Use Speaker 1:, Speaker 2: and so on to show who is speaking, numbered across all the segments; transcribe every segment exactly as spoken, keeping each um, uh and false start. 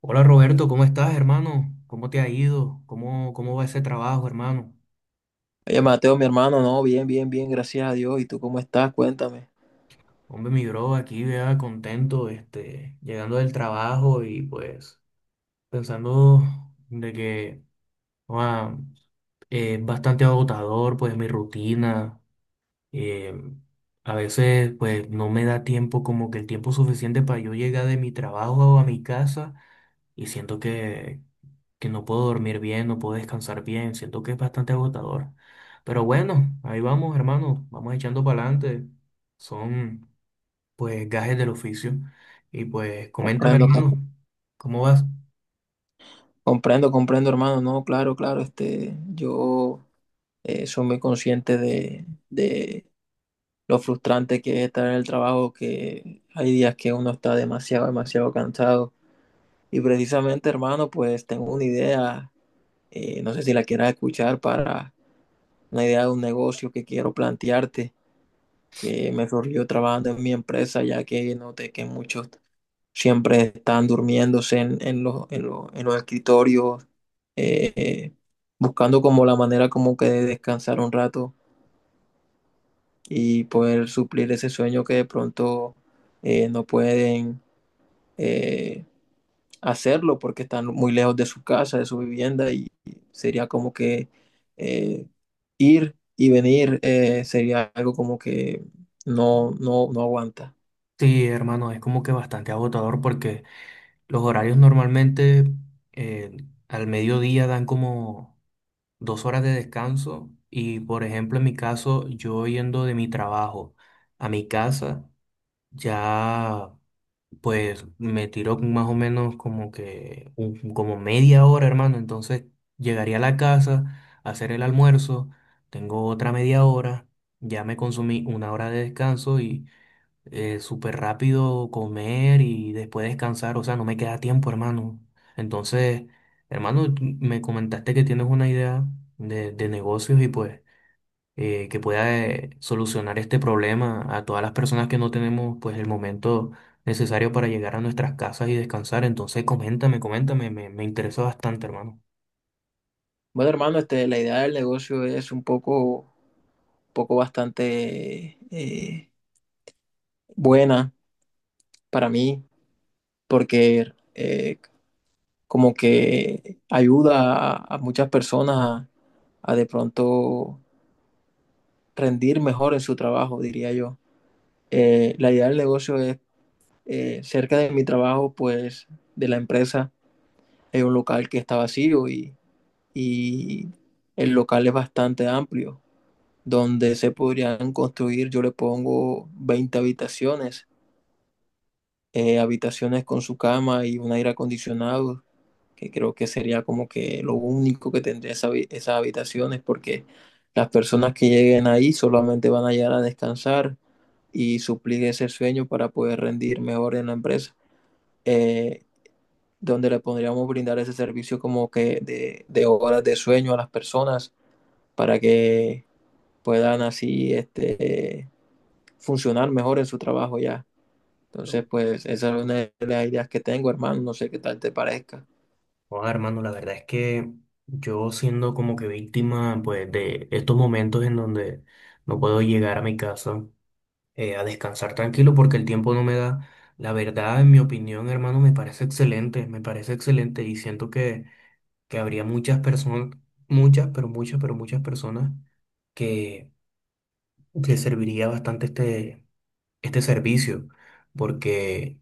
Speaker 1: Hola Roberto, ¿cómo estás, hermano? ¿Cómo te ha ido? ¿Cómo, cómo va ese trabajo, hermano?
Speaker 2: Oye, Mateo, mi hermano, no, bien, bien, bien, gracias a Dios. ¿Y tú cómo estás? Cuéntame.
Speaker 1: Hombre, mi bro, aquí vea contento, este, llegando del trabajo y pues pensando de que ah, eh, es bastante agotador, pues mi rutina. Eh, a veces pues no me da tiempo, como que el tiempo suficiente para yo llegar de mi trabajo a mi casa y siento que, que no puedo dormir bien, no puedo descansar bien, siento que es bastante agotador. Pero bueno, ahí vamos, hermano, vamos echando para adelante. Son pues gajes del oficio. Y pues coméntame,
Speaker 2: Comprendo, com-
Speaker 1: hermano, ¿cómo vas?
Speaker 2: comprendo, comprendo, hermano. No, claro, claro. Este, yo eh, soy muy consciente de, de lo frustrante que es estar en el trabajo, que hay días que uno está demasiado, demasiado cansado. Y precisamente, hermano, pues tengo una idea, eh, no sé si la quieras escuchar, para una idea de un negocio que quiero plantearte, que me surgió trabajando en mi empresa, ya que noté que muchos siempre están durmiéndose en, en los, en los- en los escritorios, eh, eh, buscando como la manera como que de descansar un rato y poder suplir ese sueño que de pronto eh, no pueden eh, hacerlo porque están muy lejos de su casa, de su vivienda y sería como que eh, ir y venir eh, sería algo como que no, no, no aguanta.
Speaker 1: Sí, hermano, es como que bastante agotador porque los horarios normalmente, eh, al mediodía dan como dos horas de descanso y por ejemplo en mi caso yo yendo de mi trabajo a mi casa ya, pues me tiró más o menos como que un- como media hora, hermano. Entonces llegaría a la casa a hacer el almuerzo. Tengo otra media hora. Ya me consumí una hora de descanso y eh, súper rápido comer y después descansar. O sea, no me queda tiempo, hermano. Entonces, hermano, tú me comentaste que tienes una idea de, de negocios y pues eh, que pueda eh, solucionar este problema a todas las personas que no tenemos pues el momento necesario para llegar a nuestras casas y descansar. Entonces, coméntame, coméntame, me, me interesa bastante, hermano.
Speaker 2: Bueno, hermano, este, la idea del negocio es un poco, poco bastante eh, buena para mí, porque eh, como que ayuda a, a muchas personas a, a de pronto rendir mejor en su trabajo, diría yo. Eh, la idea del negocio es, eh, cerca de mi trabajo, pues, de la empresa, hay un local que está vacío y, y el local es bastante amplio, donde se podrían construir, yo le pongo veinte habitaciones, eh, habitaciones con su cama y un aire acondicionado, que creo que sería como que lo único que tendría esa habi- esas habitaciones, porque las personas que lleguen ahí solamente van a llegar a descansar y suplir ese sueño para poder rendir mejor en la empresa, eh, donde le podríamos brindar ese servicio como que de, de horas de sueño a las personas para que puedan así este, funcionar mejor en su trabajo ya. Entonces, pues esa es una de las ideas que tengo, hermano, no sé qué tal te parezca.
Speaker 1: Joder, hermano, la verdad es que yo siendo como que víctima pues de estos momentos en donde no puedo llegar a mi casa eh, a descansar tranquilo porque el tiempo no me da. La verdad, en mi opinión, hermano, me parece excelente, me parece excelente y siento que que habría muchas personas, muchas, pero muchas, pero muchas personas que les serviría bastante este, este servicio, porque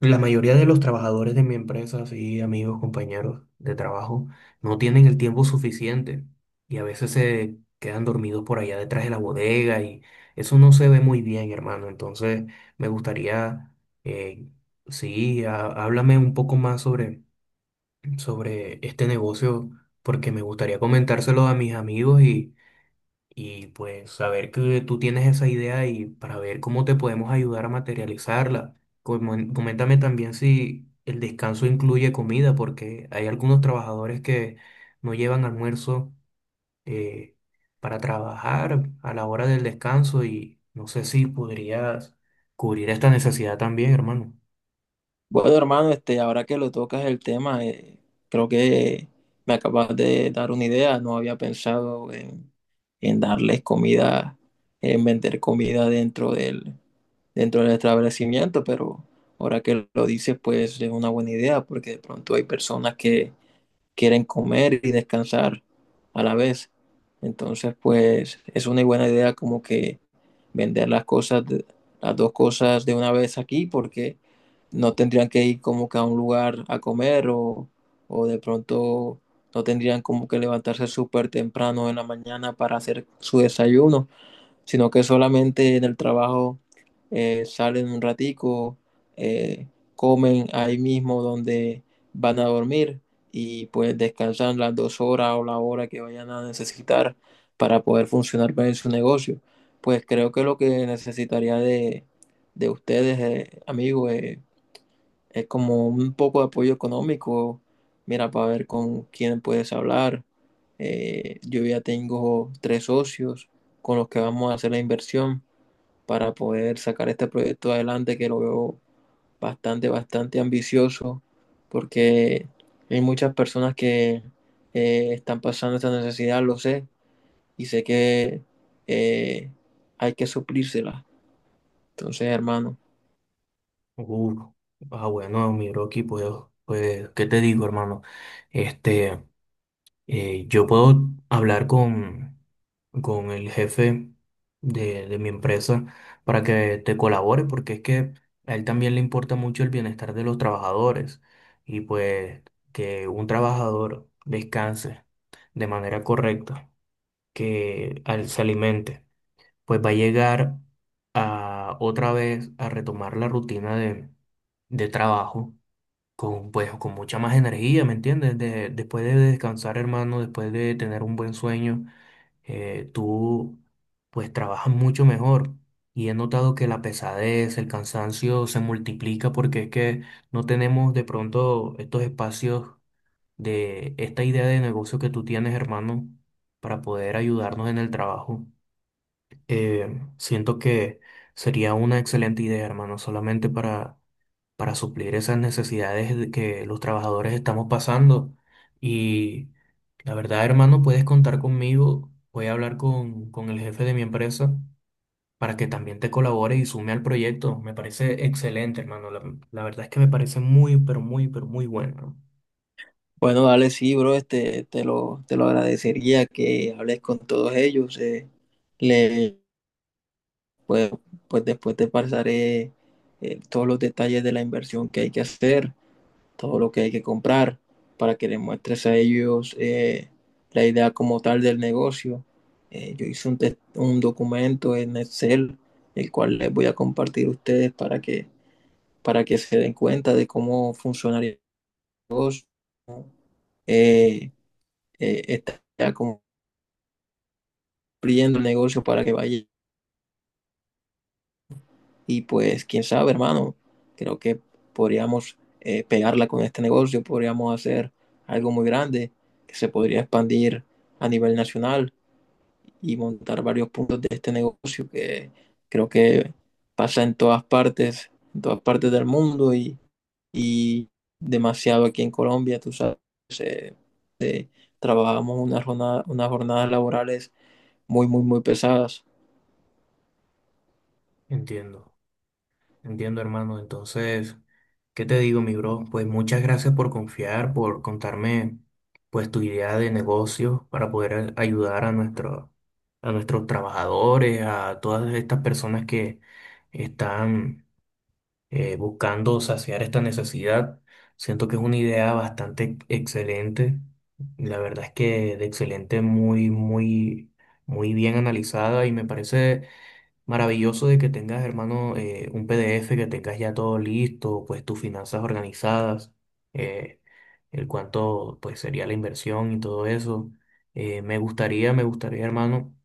Speaker 1: la mayoría de los trabajadores de mi empresa, sí, amigos, compañeros de trabajo, no tienen el tiempo suficiente y a veces se quedan dormidos por allá detrás de la bodega y eso no se ve muy bien, hermano. Entonces, me gustaría, eh, sí, há- háblame un poco más sobre sobre este negocio porque me gustaría comentárselo a mis amigos y, y pues saber que tú tienes esa idea y para ver cómo te podemos ayudar a materializarla. Comen- Coméntame también si el descanso incluye comida porque hay algunos trabajadores que no llevan almuerzo eh, para trabajar a la hora del descanso y no sé si podrías cubrir esta necesidad también, hermano.
Speaker 2: Bueno, hermano, este, ahora que lo tocas el tema, eh, creo que me acabas de dar una idea, no había pensado en, en darles comida, en vender comida dentro del, dentro del establecimiento, pero ahora que lo dices, pues es una buena idea, porque de pronto hay personas que quieren comer y descansar a la vez. Entonces, pues es una buena idea como que vender las cosas, las dos cosas de una vez aquí, porque no tendrían que ir como que a un lugar a comer o, o de pronto no tendrían como que levantarse súper temprano en la mañana para hacer su desayuno sino que solamente en el trabajo eh, salen un ratico, eh, comen ahí mismo donde van a dormir y pues descansan las dos horas o la hora que vayan a necesitar para poder funcionar bien su negocio. Pues creo que lo que necesitaría de, de ustedes, eh, amigos, eh, es como un poco de apoyo económico, mira, para ver con quién puedes hablar. Eh, yo ya tengo tres socios con los que vamos a hacer la inversión para poder sacar este proyecto adelante, que lo veo bastante, bastante ambicioso porque hay muchas personas que eh, están pasando esta necesidad, lo sé, y sé que eh, hay que suplírsela. Entonces, hermano.
Speaker 1: Uf, ah, bueno, mi Rocky, pues, pues, ¿qué te digo, hermano? Este, eh, yo puedo hablar con, con el jefe de, de mi empresa para que te colabore, porque es que a él también le importa mucho el bienestar de los trabajadores y pues que un trabajador descanse de manera correcta, que al- se alimente pues va a llegar a otra vez a retomar la rutina de, de trabajo con, pues, con mucha más energía, ¿me entiendes? De- después de descansar, hermano, después de tener un buen sueño, eh, tú pues trabajas mucho mejor. Y he notado que la pesadez, el cansancio se multiplica porque es que no tenemos de pronto estos espacios de esta idea de negocio que tú tienes, hermano, para poder ayudarnos en el trabajo. Eh, siento que sería una excelente idea, hermano, solamente para, para suplir esas necesidades de que los trabajadores estamos pasando. Y la verdad, hermano, puedes contar conmigo. Voy a hablar con, con el jefe de mi empresa para que también te colabore y sume al proyecto. Me parece excelente, hermano. La, la verdad es que me parece muy, pero muy, pero muy bueno. ¿No?
Speaker 2: Bueno, dale, sí, bro, este, te lo, te lo agradecería que hables con todos ellos. eh, le, pues, pues después te pasaré eh, todos los detalles de la inversión que hay que hacer, todo lo que hay que comprar, para que les muestres a ellos eh, la idea como tal del negocio. Eh, yo hice un, tes- un documento en Excel, el cual les voy a compartir a ustedes para que, para que se den cuenta de cómo funcionaría eh, eh, esta idea fluyendo el negocio para que vaya. Y pues, quién sabe, hermano, creo que podríamos eh, pegarla con este negocio, podríamos hacer algo muy grande que se podría expandir a nivel nacional y montar varios puntos de este negocio que creo que pasa en todas partes, en todas partes del mundo y, y demasiado aquí en Colombia, tú sabes, eh, eh, trabajamos unas jornadas, unas jornadas laborales muy, muy, muy pesadas.
Speaker 1: Entiendo. Entiendo, hermano. Entonces, ¿qué te digo, mi bro? Pues muchas gracias por confiar, por contarme pues tu idea de negocio para poder a- ayudar a nuestro, a nuestros trabajadores, a todas estas personas que están eh, buscando saciar esta necesidad. Siento que es una idea bastante excelente. La verdad es que de excelente, muy, muy, muy bien analizada y me parece maravilloso de que tengas, hermano, eh, un P D F, que tengas ya todo listo, pues tus finanzas organizadas, eh, el cuánto pues sería la inversión y todo eso. Eh, me gustaría, me gustaría, hermano,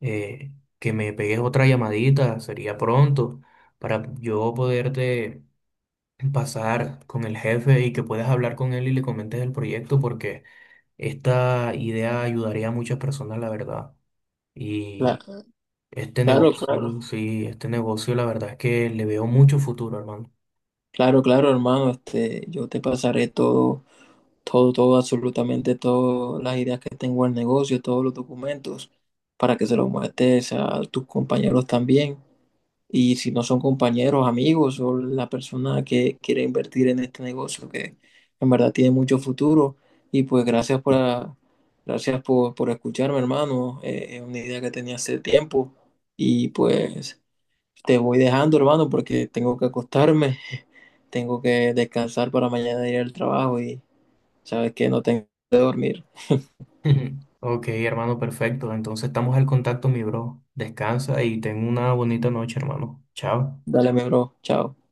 Speaker 1: eh, que me pegues otra llamadita, sería pronto, para yo poderte pasar con el jefe y que puedas hablar con él y le comentes el proyecto, porque esta idea ayudaría a muchas personas, la verdad.
Speaker 2: La-
Speaker 1: Este
Speaker 2: claro,
Speaker 1: negocio,
Speaker 2: claro.
Speaker 1: sí, este negocio la verdad es que le veo mucho futuro, hermano.
Speaker 2: Claro, claro, hermano, este, yo te pasaré todo, todo, todo, absolutamente todas las ideas que tengo al negocio, todos los documentos, para que se los muestres a tus compañeros también. Y si no son compañeros, amigos o la persona que quiere invertir en este negocio, que en verdad tiene mucho futuro. Y pues gracias por, la- gracias por, por escucharme, hermano. Eh, es una idea que tenía hace tiempo. Y pues... te voy dejando, hermano, porque tengo que acostarme, tengo que descansar para mañana ir al trabajo y sabes que no tengo que dormir.
Speaker 1: Ok, hermano, perfecto. Entonces estamos al contacto, mi bro. Descansa y ten una bonita noche, hermano. Chao.
Speaker 2: Dale, mi bro, chao.